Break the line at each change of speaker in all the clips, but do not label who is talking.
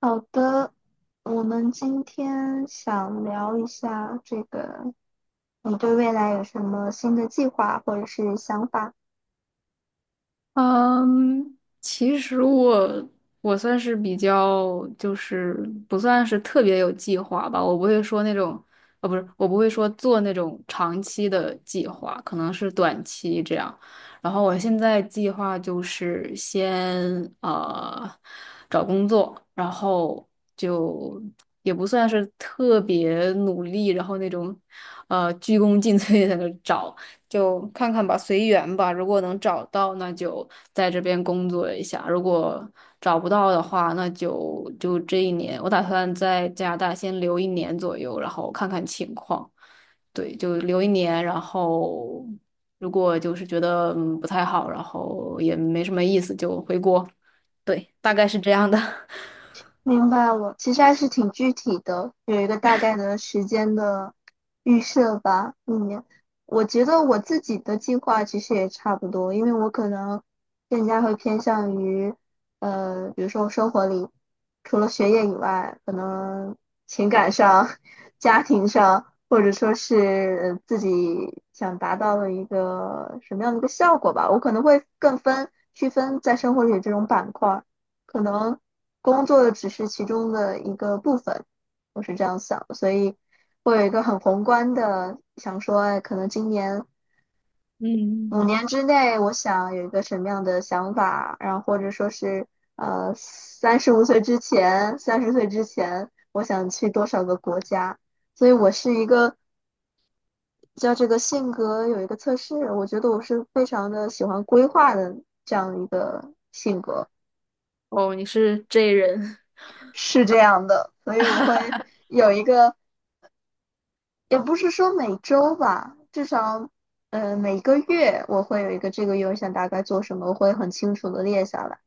好的，我们今天想聊一下这个，你对未来有什么新的计划或者是想法？
嗯，其实我算是比较，就是不算是特别有计划吧。我不会说那种，不是，我不会说做那种长期的计划，可能是短期这样。然后我现在计划就是先呃找工作，然后就也不算是特别努力，然后那种鞠躬尽 瘁在那找。就看看吧，随缘吧。如果能找到，那就在这边工作一下；如果找不到的话，那就这一年，我打算在加拿大先留一年左右，然后看看情况。对，就留一年，然后如果就是觉得不太好，然后也没什么意思，就回国。对，大概是这样的。
明白了，其实还是挺具体的，有一个大概的时间的预设吧。嗯，我觉得我自己的计划其实也差不多，因为我可能更加会偏向于，比如说生活里除了学业以外，可能情感上、家庭上，或者说是自己想达到的一个什么样的一个效果吧，我可能会区分在生活里这种板块。可能工作只是其中的一个部分，我是这样想的，所以会有一个很宏观的想说，哎，可能今年五
嗯，
年之内，我想有一个什么样的想法，然后或者说是35岁之前，三十岁之前，我想去多少个国家，所以我是一个叫这个性格有一个测试，我觉得我是非常的喜欢规划的这样一个性格，
哦，你是 J 人。
是这样的，所以我会。有一个也不是说每周吧，至少，每个月我会有一个这个月我想大概做什么，我会很清楚的列下来，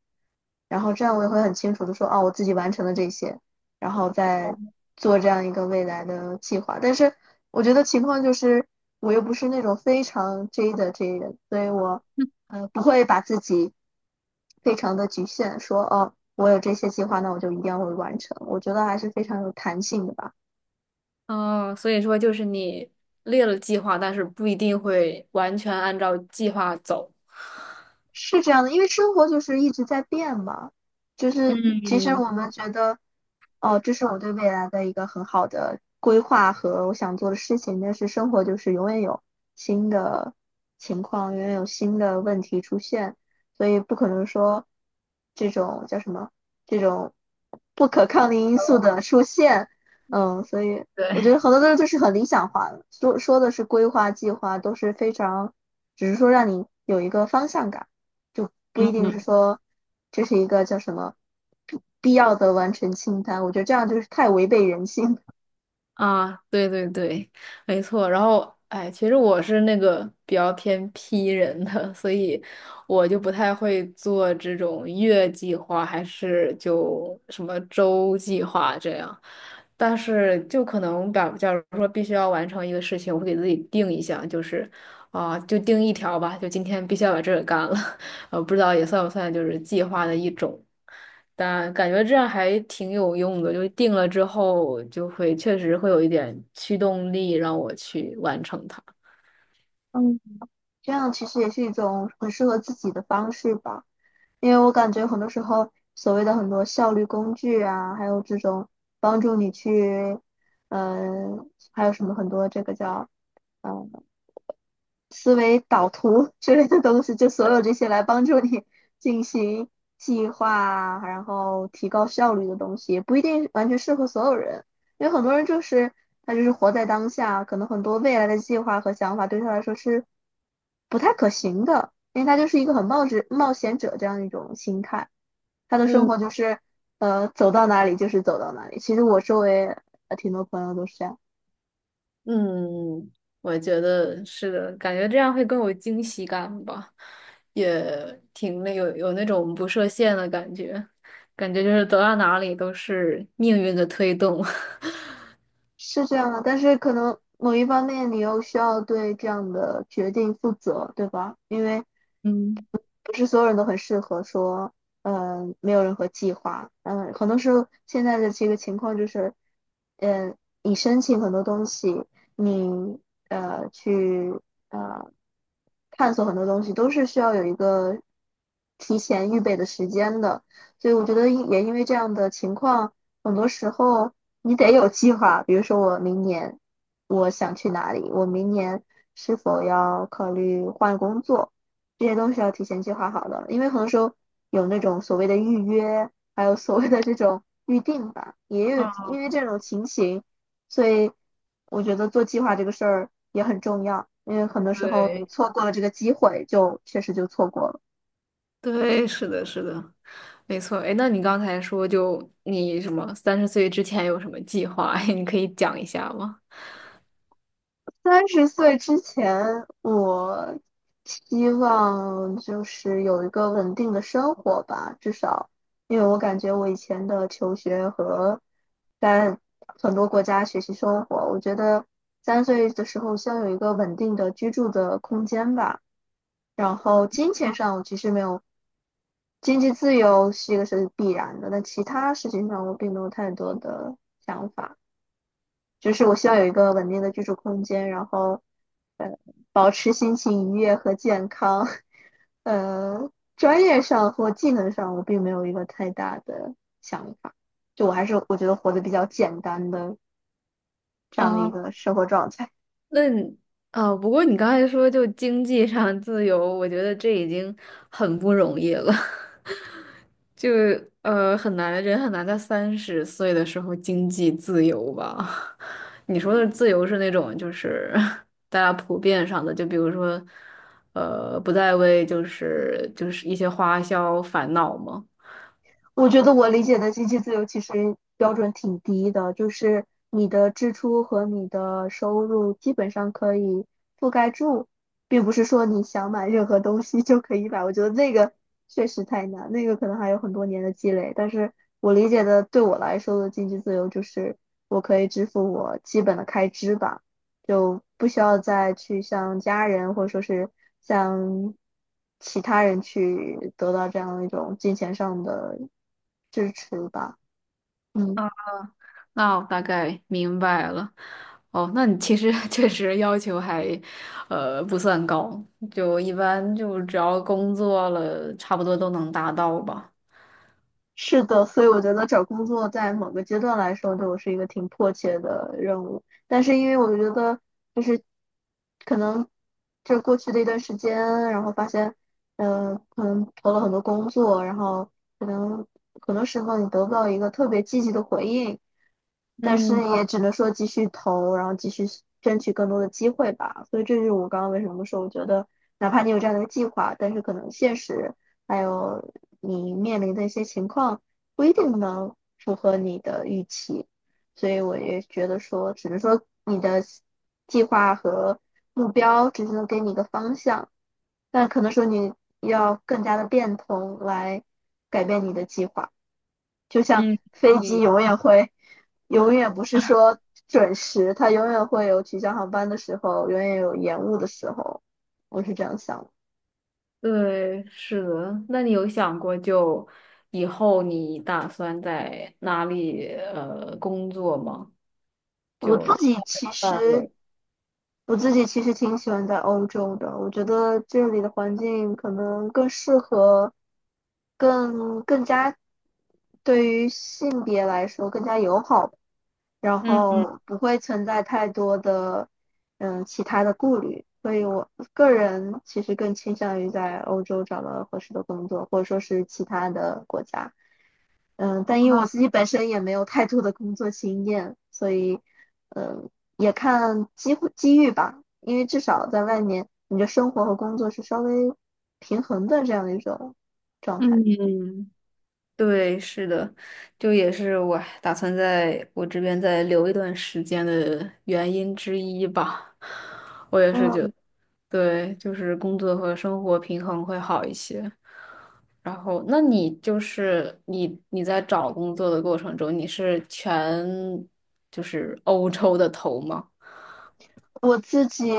然后这样我也会很清楚的说，哦，我自己完成了这些，然后再做这样一个未来的计划。但是我觉得情况就是，我又不是那种非常 J 的 J 人，所以我，不会把自己非常的局限，说，哦，我有这些计划，那我就一定要会完成。我觉得还是非常有弹性的吧。
哦，所以说就是你列了计划，但是不一定会完全按照计划走。
是这样的，因为生活就是一直在变嘛，就是其实
嗯，
我们觉得，哦，这是我对未来的一个很好的规划和我想做的事情，但是生活就是永远有新的情况，永远有新的问题出现，所以不可能说这种叫什么这种不可抗力因素的出现，所以我觉得
对，
很多东西就是很理想化的，说说的是规划计划都是非常，只是说让你有一个方向感。就不一定是
嗯，
说这是一个叫什么必要的完成清单。我觉得这样就是太违背人性。
啊，对对对，没错。然后，哎，其实我是那个比较偏 P 人的，所以我就不太会做这种月计划，还是就什么周计划这样。但是，就可能把，假如说必须要完成一个事情，我会给自己定一项，就是啊、就定一条吧，就今天必须要把这个干了。不知道也算不算就是计划的一种。但感觉这样还挺有用的，就定了之后就会确实会有一点驱动力让我去完成它。
嗯这样其实也是一种很适合自己的方式吧。因为我感觉很多时候所谓的很多效率工具啊，还有这种帮助你去，还有什么很多这个叫嗯、呃思维导图之类的东西，就所有这些来帮助你进行计划啊，然后提高效率的东西，也不一定完全适合所有人，因为很多人就是他就是活在当下，可能很多未来的计划和想法对他来说是不太可行的，因为他就是一个很冒险者这样一种心态，他的生
嗯
活就是走到哪里就是走到哪里。其实我周围挺多朋友都是这样。
嗯，我觉得是的，感觉这样会更有惊喜感吧，也挺有那种不设限的感觉，感觉就是走到哪里都是命运的推动。
是这样的，但是可能某一方面你又需要对这样的决定负责，对吧？因为
嗯。
不是所有人都很适合说，没有任何计划，很多时候现在的这个情况就是，嗯、你申请很多东西，你去呃探索很多东西，都是需要有一个提前预备的时间的，所以我觉得因为这样的情况，很多时候你得有计划，比如说我明年我想去哪里，我明年是否要考虑换工作。这些都是要提前计划好的，因为很多时候有那种所谓的预约，还有所谓的这种预定吧，也有因
啊
为这种情形，所以我觉得做计划这个事儿也很重要，因为很多时候你
对
错过了这个机会，就确实就错过了。
对，是的，是的。没错，哎，那你刚才说就你什么三十岁之前有什么计划？你可以讲一下吗？
三十岁之前，我希望就是有一个稳定的生活吧，至少，因为我感觉我以前的求学和在很多国家学习生活，我觉得3岁的时候先有一个稳定的居住的空间吧。然后金钱上，我其实没有经济自由是一个是必然的，但其他事情上我并没有太多的想法。就是我需要有一个稳定的居住空间，然后呃，保持心情愉悦和健康。专业上或技能上，我并没有一个太大的想法，就我还是我觉得活得比较简单的这样的一
啊，
个生活状态。
那你不过你刚才说就经济上自由，我觉得这已经很不容易了，就很难，人很难在三十岁的时候经济自由吧？你说的自由是那种就是 大家普遍上的，就比如说不再为就是一些花销烦恼吗？
我觉得我理解的经济自由其实标准挺低的，就是你的支出和你的收入基本上可以覆盖住，并不是说你想买任何东西就可以买。我觉得那个确实太难，那个可能还有很多年的积累。但是我理解的对我来说的经济自由就是我可以支付我基本的开支吧。就不需要再去向家人或者说是向其他人去得到这样的一种金钱上的支持吧。嗯，
那我大概明白了。哦，那你其实 确实要求还，不算高，就一般就只要工作了，差不多都能达到吧。
是的，所以我觉得找工作在某个阶段来说，对我是一个挺迫切的任务。但是因为我觉得，就是可能这过去的一段时间，然后发现，可能投了很多工作，然后可能很多时候你得不到一个特别积极的回应，但是
嗯
也只能说继续投，然后继续争取更多的机会吧。所以这就是我刚刚为什么说，我觉得哪怕你有这样的一个计划，但是可能现实还有你面临的一些情况不一定能符合你的预期。所以我也觉得说，只能说你的计划和目标只是能给你一个方向，但可能说你要更加的变通来改变你的计划。就像
嗯，
飞机
你
永远会，永远不是说准时，它永远会有取消航班的时候，永远有延误的时候。我是这样想的。
对，是的。那你有想过就以后你打算在哪里工作吗？
我
就
自己其
范
实，
围。
我自己其实挺喜欢在欧洲的，我觉得这里的环境可能更适合，更加对于性别来说更加友好，然
嗯
后不会存在太多的其他的顾虑，所以我个人其实更倾向于在欧洲找到合适的工作，或者说是其他的国家。嗯，但因为我自己本身也没有太多的工作经验，所以嗯也看机会机遇吧，因为至少在外面你的生活和工作是稍微平衡的这样的一种状态。
嗯。对，是的，就也是我打算在我这边再留一段时间的原因之一吧。我也是觉
嗯，
得，对，就是工作和生活平衡会好一些。然后，那你就是你你在找工作的过程中，你是全就是欧洲的头吗？
我自己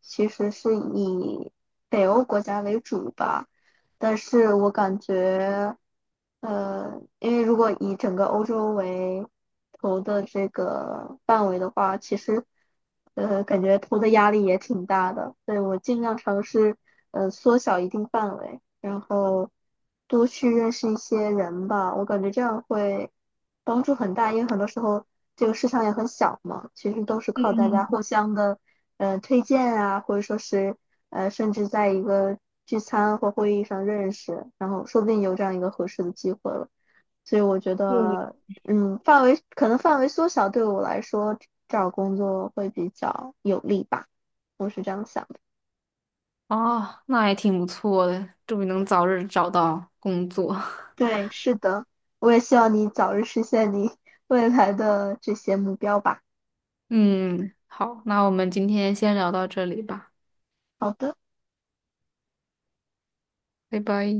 其实是以北欧国家为主吧，但是我感觉，因为如果以整个欧洲为投的这个范围的话，其实，感觉投的压力也挺大的，所以我尽量尝试，缩小一定范围。然后多去认识一些人吧，我感觉这样会帮助很大，因为很多时候这个市场也很小嘛，其实都是靠大家互相的，推荐啊，或者说是甚至在一个聚餐或会议上认识，然后说不定有这样一个合适的机会了。所以我觉得，范围缩小对我来说找工作会比较有利吧，我是这样想。
哦，那也挺不错的，祝你能早日找到工作。
对，是的，我也希望你早日实现你未来的这些目标吧。
嗯，好，那我们今天先聊到这里吧，
好的。
拜拜。